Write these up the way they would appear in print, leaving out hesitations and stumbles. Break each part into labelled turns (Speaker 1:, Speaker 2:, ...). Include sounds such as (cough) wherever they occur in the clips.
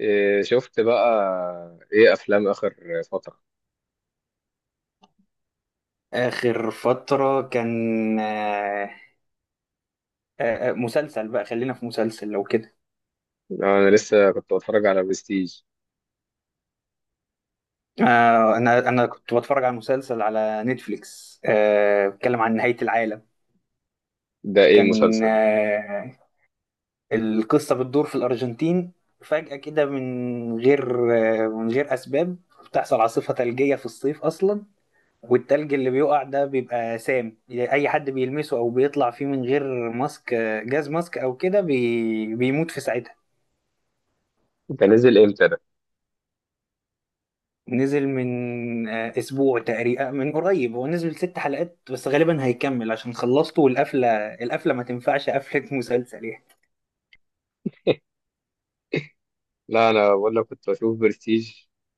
Speaker 1: إيه، شفت بقى ايه افلام اخر فتره؟
Speaker 2: آخر فترة كان مسلسل بقى خلينا في مسلسل لو كده.
Speaker 1: انا لسه كنت بتفرج على برستيج.
Speaker 2: أنا كنت بتفرج على مسلسل على نتفليكس، بيتكلم عن نهاية العالم.
Speaker 1: ده ايه
Speaker 2: كان
Speaker 1: المسلسل ده؟
Speaker 2: القصة بتدور في الأرجنتين، فجأة كده من غير من غير أسباب بتحصل عاصفة ثلجية في الصيف أصلا. والتلج اللي بيقع ده بيبقى سام، أي حد بيلمسه أو بيطلع فيه من غير ماسك، جاز ماسك أو كده بيموت في ساعتها.
Speaker 1: ده نزل امتى ده؟
Speaker 2: نزل من اسبوع تقريبا، من قريب. هو نزل ست حلقات بس، غالبا هيكمل عشان خلصته والقفله. القفله ما تنفعش قفله (laughs) مسلسل يعني.
Speaker 1: لا انا بقول لك كنت بشوف برستيج.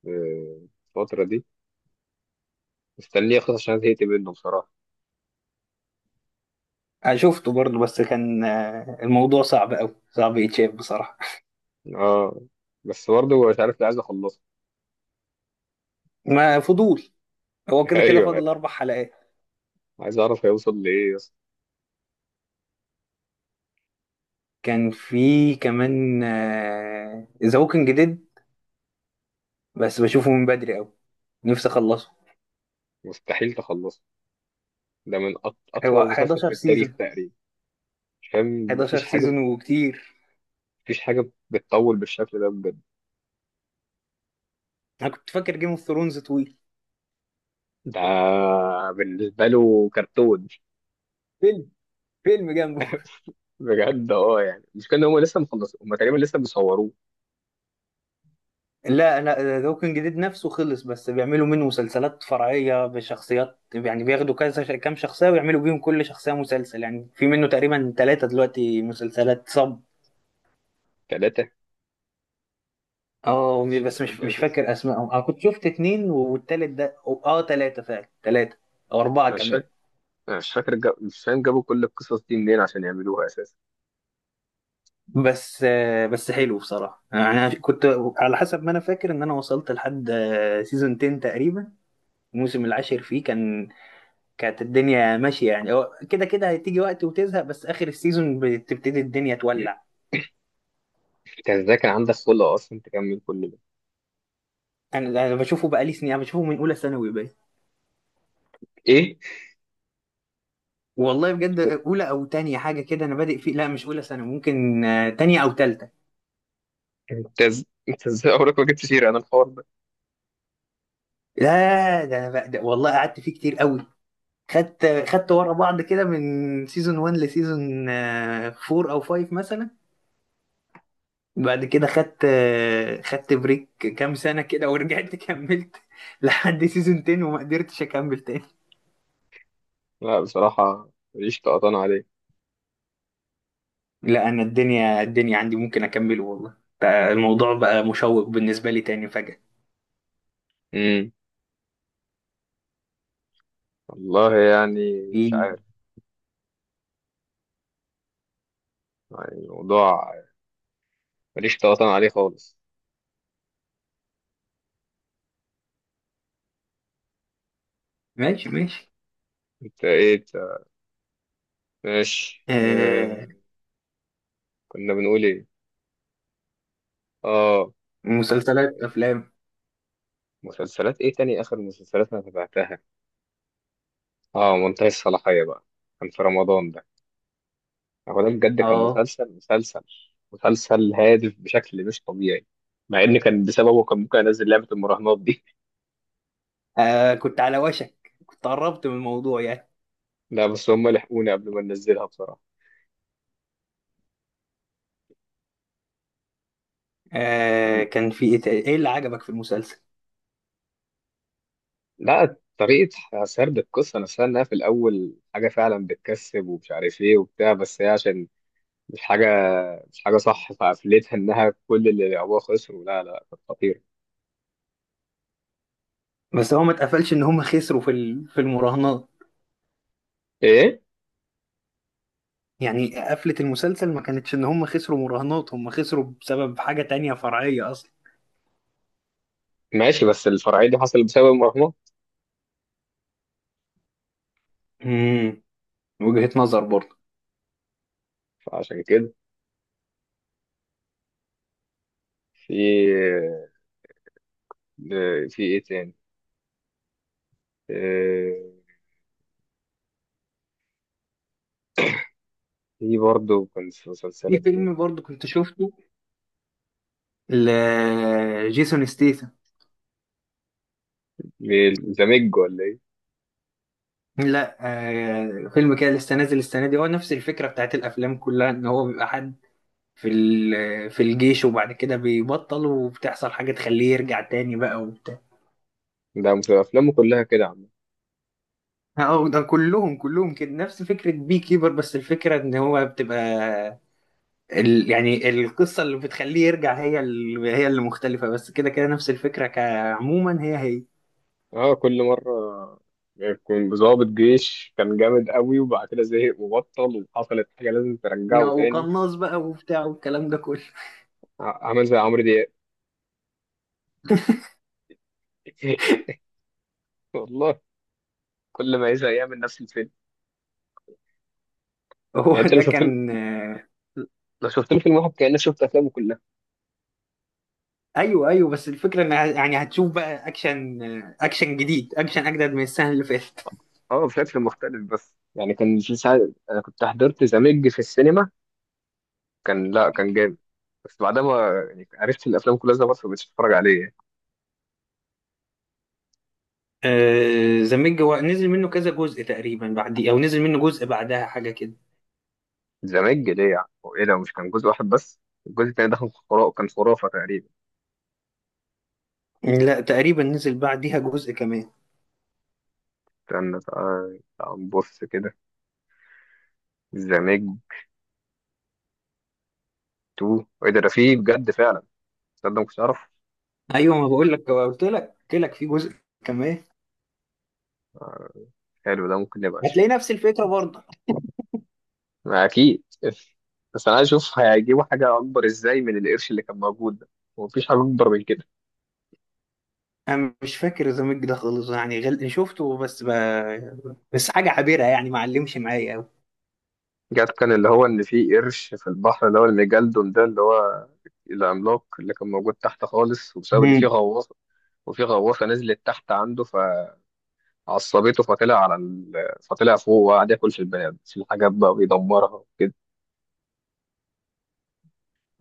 Speaker 1: إيه، الفتره دي مستنيه اخلص عشان زهقت منه بصراحه.
Speaker 2: أنا شفته برضه بس كان الموضوع صعب قوي، صعب يتشاف بصراحه.
Speaker 1: اه، بس برضه مش عارف ليه عايز اخلصه.
Speaker 2: ما فضول. هو
Speaker 1: (laughs)
Speaker 2: كده كده
Speaker 1: ايوه،
Speaker 2: فاضل اربع حلقات.
Speaker 1: عايز اعرف هيوصل لايه يا اسطى.
Speaker 2: كان في كمان ذا ووكينج ديد، بس بشوفه من بدري قوي، نفسي اخلصه.
Speaker 1: مستحيل تخلصه، ده من
Speaker 2: هو
Speaker 1: اطول مسلسل في
Speaker 2: 11
Speaker 1: التاريخ
Speaker 2: سيزون.
Speaker 1: تقريبا. مش فاهم،
Speaker 2: 11
Speaker 1: مفيش حاجه،
Speaker 2: سيزون وكتير.
Speaker 1: مفيش حاجه بتطول بالشكل ده بجد.
Speaker 2: انا كنت فاكر جيم اوف ثرونز طويل.
Speaker 1: ده بالنسبه له كرتون.
Speaker 2: فيلم، فيلم جنبه.
Speaker 1: (laughs) بجد اه، يعني مش كان هم لسه مخلصين؟ هم تقريبا لسه بيصوروه.
Speaker 2: لا انا ذا ووكينج ديد نفسه خلص، بس بيعملوا منه مسلسلات فرعيه بشخصيات، يعني بياخدوا كذا كام شخصيه ويعملوا بيهم كل شخصيه مسلسل، يعني في منه تقريبا ثلاثه دلوقتي مسلسلات صب.
Speaker 1: ثلاثة،
Speaker 2: اه
Speaker 1: مش
Speaker 2: بس مش
Speaker 1: مش
Speaker 2: فاكر اسمائهم، انا كنت شفت اتنين والتالت ده، اه، ثلاثه فعلا، ثلاثه او اربعه
Speaker 1: مش
Speaker 2: كمان.
Speaker 1: فاكر، مش فاهم جابوا كل القصص دي منين عشان يعملوها اساسا.
Speaker 2: بس بس حلو بصراحه. يعني انا كنت، على حسب ما انا فاكر، ان انا وصلت لحد سيزون 10 تقريبا. الموسم العاشر فيه كان، كانت الدنيا ماشيه، يعني هو كده كده هتيجي وقت وتزهق، بس اخر السيزون بتبتدي الدنيا تولع.
Speaker 1: انت ازاي كان عندك خلق اصلا تكمل كل ده؟
Speaker 2: انا بشوفه بقالي سنين. انا بشوفه من اولى ثانوي بقى.
Speaker 1: ايه،
Speaker 2: والله بجد اولى او تانية حاجه كده انا بادئ فيه. لا مش اولى ثانوي، ممكن تانية او تالتة.
Speaker 1: انت ازاي عمرك ما جبت سيرة انا الحوار ده؟
Speaker 2: لا ده انا بقى ده والله قعدت فيه كتير قوي. خدت ورا بعض كده من سيزون 1 لسيزون 4 او 5 مثلا. بعد كده خدت خدت بريك كام سنه كده، ورجعت كملت (laughs) لحد سيزون 10 وما قدرتش اكمل تاني.
Speaker 1: لا بصراحة ماليش طقطان عليه.
Speaker 2: لا انا الدنيا عندي ممكن اكمله، والله بقى الموضوع بقى مشوق بالنسبه لي تاني فجأة.
Speaker 1: امم والله يعني مش
Speaker 2: إيه.
Speaker 1: عارف، يعني الموضوع ماليش طقطان عليه خالص.
Speaker 2: ماشي ماشي.
Speaker 1: انت ايه؟ انت ماشي
Speaker 2: آه.
Speaker 1: كنا بنقول ايه؟ اه،
Speaker 2: مسلسلات، افلام.
Speaker 1: مسلسلات ايه تاني اخر مسلسلات انا تابعتها؟ اه، منتهي الصلاحية بقى، كان في رمضان ده. هو ده بجد كان
Speaker 2: اه.
Speaker 1: مسلسل مسلسل هادف بشكل مش طبيعي، مع ان كان بسببه كان ممكن انزل لعبة المراهنات دي.
Speaker 2: كنت على وشك، كنت قربت من الموضوع يعني.
Speaker 1: (laughs) لا، بس هم لحقوني قبل ما ننزلها بصراحة.
Speaker 2: آه،
Speaker 1: يعني
Speaker 2: كان في ايه تاني؟ ايه اللي عجبك في المسلسل؟
Speaker 1: لا، طريقة سرد القصة نفسها انها في الاول حاجة فعلا بتكسب ومش عارف ايه وبتاع، بس هي عشان مش حاجة، مش حاجة صح فقفلتها انها كل اللي لعبوها خسروا. لا لا، كانت خطيرة.
Speaker 2: بس هو ما اتقفلش ان هم خسروا في المراهنات.
Speaker 1: ايه،
Speaker 2: يعني قفلة المسلسل ما كانتش ان هم خسروا مراهنات، هم خسروا بسبب حاجة تانية فرعية اصلا.
Speaker 1: ماشي بس الفرعية دي حصلت بسبب المراهنات.
Speaker 2: امم. وجهة نظر برضه.
Speaker 1: فعشان كده، في في ايه تاني؟ آه، في برضه كانت في
Speaker 2: في
Speaker 1: مسلسلات ايه؟
Speaker 2: فيلم برضه كنت شفته، لجيسون ستيثم.
Speaker 1: زمج ولا ايه؟
Speaker 2: لا آه فيلم كده لسه نازل السنه دي، هو نفس الفكره بتاعت الافلام كلها، ان هو بيبقى حد في الجيش وبعد كده بيبطل وبتحصل حاجه تخليه يرجع تاني بقى وبتاع.
Speaker 1: ده افلامه كلها كده عم.
Speaker 2: اه ده كلهم كده نفس فكره بي كيبر، بس الفكره ان هو بتبقى، ال، يعني القصه اللي بتخليه يرجع هي ال هي اللي مختلفه، بس كده كده نفس الفكره، كعموما هي هي.
Speaker 1: اه كل مرة يكون ضابط جيش كان جامد قوي وبعد كده زهق وبطل وحصلت حاجة لازم ترجعه
Speaker 2: آه،
Speaker 1: تاني.
Speaker 2: وقناص بقى وبتاع والكلام ده كله.
Speaker 1: عمل زي عمرو دياب. (laughs) والله كل ما يزهق يعمل نفس الفيلم.
Speaker 2: (laughs) هو
Speaker 1: يعني انت لو
Speaker 2: ده
Speaker 1: شفت له
Speaker 2: كان
Speaker 1: لو شفت له فيلم واحد كأنك شفت افلامه كلها.
Speaker 2: ايوه ايوه بس الفكره ان يعني هتشوف بقى اكشن، اكشن جديد، اكشن اجدد من السنه اللي فاتت.
Speaker 1: اه بشكل مختلف، بس يعني كان في ساعة انا كنت حضرت زمج في السينما، كان لا كان جامد، بس بعدها ما يعني عرفت إن الافلام كلها زي بعض فمبقتش اتفرج عليه يعني.
Speaker 2: (laughs) ذا ميج هو نزل منه كذا جزء تقريبا، بعد، او نزل منه جزء بعدها حاجه كده.
Speaker 1: زمان جديع هو ايه ده؟ مش كان جزء واحد بس؟ الجزء التاني ده كان خرافة، كان خرافة تقريبا.
Speaker 2: لا تقريبا نزل بعديها جزء كمان.
Speaker 1: استنى، تعال تعال نبص كده. زمان تو، ايه ده؟ ده فيه بجد فعلا؟ تصدق ما كنتش اعرف.
Speaker 2: ايوه ما بقول لك، قلت لك قلت لك في جزء كمان.
Speaker 1: حلو ده، ممكن نبقى
Speaker 2: هتلاقي
Speaker 1: نشوفه.
Speaker 2: نفس الفكره برضه.
Speaker 1: ما اكيد. بس انا عايز اشوف هيجيبوا حاجة اكبر ازاي من القرش اللي كان موجود ده؟ ومفيش حاجة اكبر من كده.
Speaker 2: انا مش فاكر ذا ميج ده خالص، يعني شفته بس بس حاجه عابره، يعني ما علمش معايا قوي.
Speaker 1: جت كان اللي هو ان في قرش في البحر اللي هو الميجالدون ده، اللي هو العملاق اللي كان موجود تحت خالص، وبسبب ان في
Speaker 2: امم.
Speaker 1: غواصه، وفي غواصه نزلت تحت عنده فعصبته فطلع على ال... فطلع فوق وقعد ياكل في البنات في الحاجات بقى ويدمرها وكده.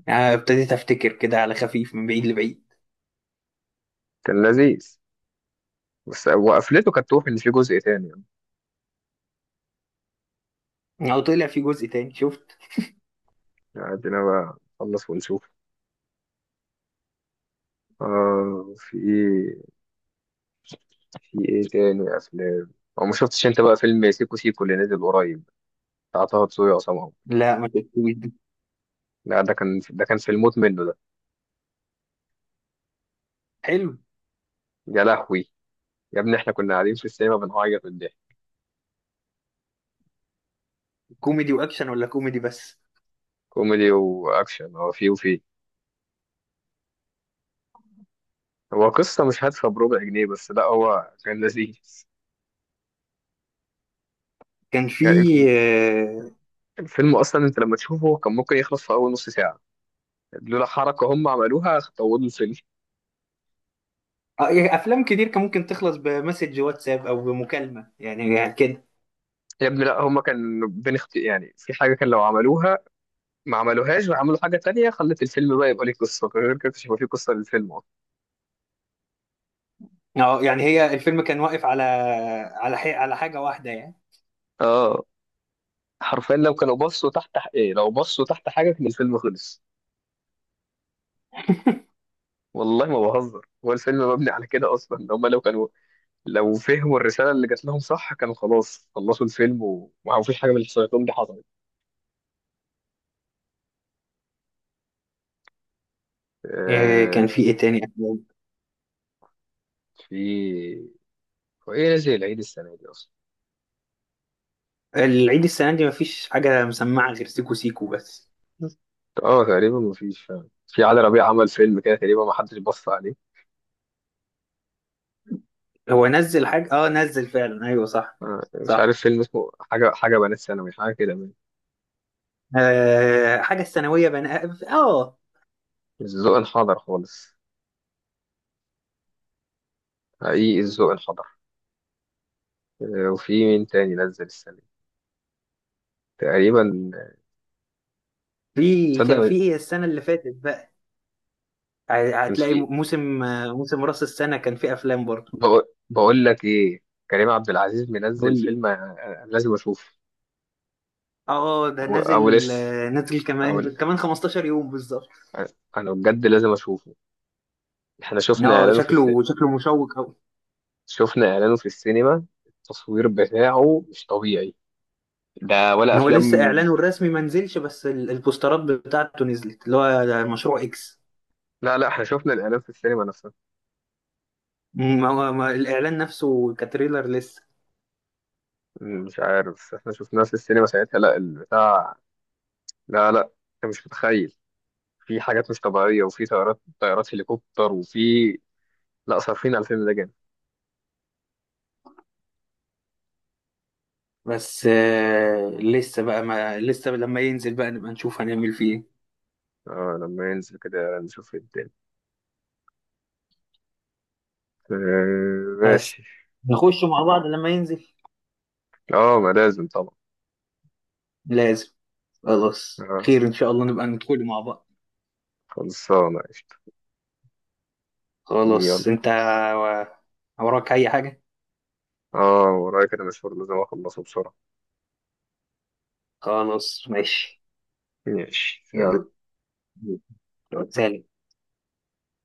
Speaker 2: ابتديت افتكر كده على خفيف من بعيد لبعيد.
Speaker 1: كان لذيذ، بس وقفلته كانت توفي ان في جزء تاني يعني.
Speaker 2: او طلع في جزء تاني، شفت؟
Speaker 1: عندنا بقى نخلص ونشوف. في ايه؟ في ايه تاني افلام؟ او ما شفتش انت بقى فيلم سيكو سيكو اللي نزل قريب، بتاع طه دسوقي وعصام عمر؟
Speaker 2: لا ما كانت كوميدي؟
Speaker 1: لا، ده كان في الموت منه ده.
Speaker 2: حلو.
Speaker 1: يا لهوي، يا ابني احنا كنا قاعدين في السينما بنعيط من الضحك.
Speaker 2: كوميدي واكشن ولا كوميدي بس؟
Speaker 1: كوميدي واكشن، هو فيه وفيه. هو قصة مش هادفة بربع جنيه، بس لا هو كان لذيذ
Speaker 2: كان في
Speaker 1: يعني.
Speaker 2: آه،
Speaker 1: الفيلم اصلا انت لما تشوفه كان ممكن يخلص في اول نص ساعة، لولا حركة هم عملوها طولوا الفيلم.
Speaker 2: يعني افلام كتير كان ممكن تخلص بمسج واتساب او بمكالمه، يعني، يعني كده.
Speaker 1: يا ابني لا، هم كان بين اخت... يعني في حاجة كان لو عملوها ما عملوهاش، وعملوا حاجة تانية خلت الفيلم بقى يبقى ليه قصة، غير كده مش هيبقى فيه قصة للفيلم اصلا.
Speaker 2: اه يعني هي الفيلم كان واقف على، على على حاجه واحده يعني.
Speaker 1: اه، حرفيا لو كانوا بصوا تحت ايه، لو بصوا تحت حاجة كان الفيلم خلص. والله ما بهزر، هو الفيلم مبني على كده اصلا، ان هم لو كانوا، لو فهموا الرساله اللي جات لهم صح كانوا خلاص خلصوا الفيلم وما فيش حاجه من اللي حصلت لهم دي حصلت.
Speaker 2: آه، كان في
Speaker 1: آه،
Speaker 2: ايه تاني أفلام؟
Speaker 1: في هو ايه نزل العيد السنه دي اصلا؟
Speaker 2: العيد السنه دي مفيش حاجه مسمعه غير سيكو سيكو بس.
Speaker 1: اه تقريبا ما فيش فعلا، في علي ربيع عمل فيلم كده تقريبا ما حدش بص عليه.
Speaker 2: هو نزل حاجه، اه نزل فعلا ايوه صح.
Speaker 1: مش
Speaker 2: صح،
Speaker 1: عارف فيلم اسمه حاجه، حاجه بنات ثانوي حاجه كده من
Speaker 2: حاجه الثانويه بنقى، اه.
Speaker 1: الذوق انحدر خالص، حقيقي الذوق انحدر. وفي مين تاني نزل السنه دي؟ تقريبا،
Speaker 2: في، كان في
Speaker 1: تصدق
Speaker 2: ايه السنه اللي فاتت بقى؟
Speaker 1: كان
Speaker 2: هتلاقي
Speaker 1: في.
Speaker 2: موسم، موسم راس السنة كان فيه أفلام برضه.
Speaker 1: بقول لك ايه، كريم عبد العزيز
Speaker 2: قول
Speaker 1: منزل
Speaker 2: لي.
Speaker 1: فيلم أنا لازم اشوفه.
Speaker 2: اه ده
Speaker 1: أو
Speaker 2: نازل،
Speaker 1: لسه،
Speaker 2: نازل
Speaker 1: او ل-
Speaker 2: كمان كمان 15 يوم بالظبط.
Speaker 1: آه، انا بجد لازم اشوفه. احنا شفنا
Speaker 2: اه
Speaker 1: اعلانه في الس...
Speaker 2: شكله، شكله مشوق قوي.
Speaker 1: شفنا اعلانه في السينما، التصوير بتاعه مش طبيعي. ده ولا
Speaker 2: هو لسه
Speaker 1: افلام؟
Speaker 2: اعلانه الرسمي ما نزلش، بس البوسترات بتاعته نزلت، اللي هو ده مشروع اكس.
Speaker 1: لا لا، احنا شفنا الاعلان في السينما نفسها.
Speaker 2: ما هو ما الاعلان نفسه كتريلر لسه.
Speaker 1: مش عارف، بس احنا شفناه في السينما ساعتها، لا البتاع. لا لا، انت مش متخيل، في حاجات مش طبيعية، وفي طيارات، طيارات هليكوبتر، وفي، لا صارفين على الفيلم ده جامد.
Speaker 2: بس لسه بقى ما لسه لما ينزل بقى نبقى نشوف هنعمل فيه ايه.
Speaker 1: اه لما ينزل كده نشوف الدنيا. آه،
Speaker 2: بس
Speaker 1: ماشي.
Speaker 2: نخش مع بعض لما ينزل.
Speaker 1: اه ما لازم طبعا.
Speaker 2: لازم. خلاص
Speaker 1: آه،
Speaker 2: خير ان شاء الله نبقى ندخل مع بعض.
Speaker 1: خلصانة قشطة. يلا،
Speaker 2: خلاص انت، وراك اي حاجة؟
Speaker 1: اه ورايا كده مشوار لازم اخلصه بسرعة.
Speaker 2: خلاص ماشي.
Speaker 1: ماشي سلام.
Speaker 2: يلا سلام.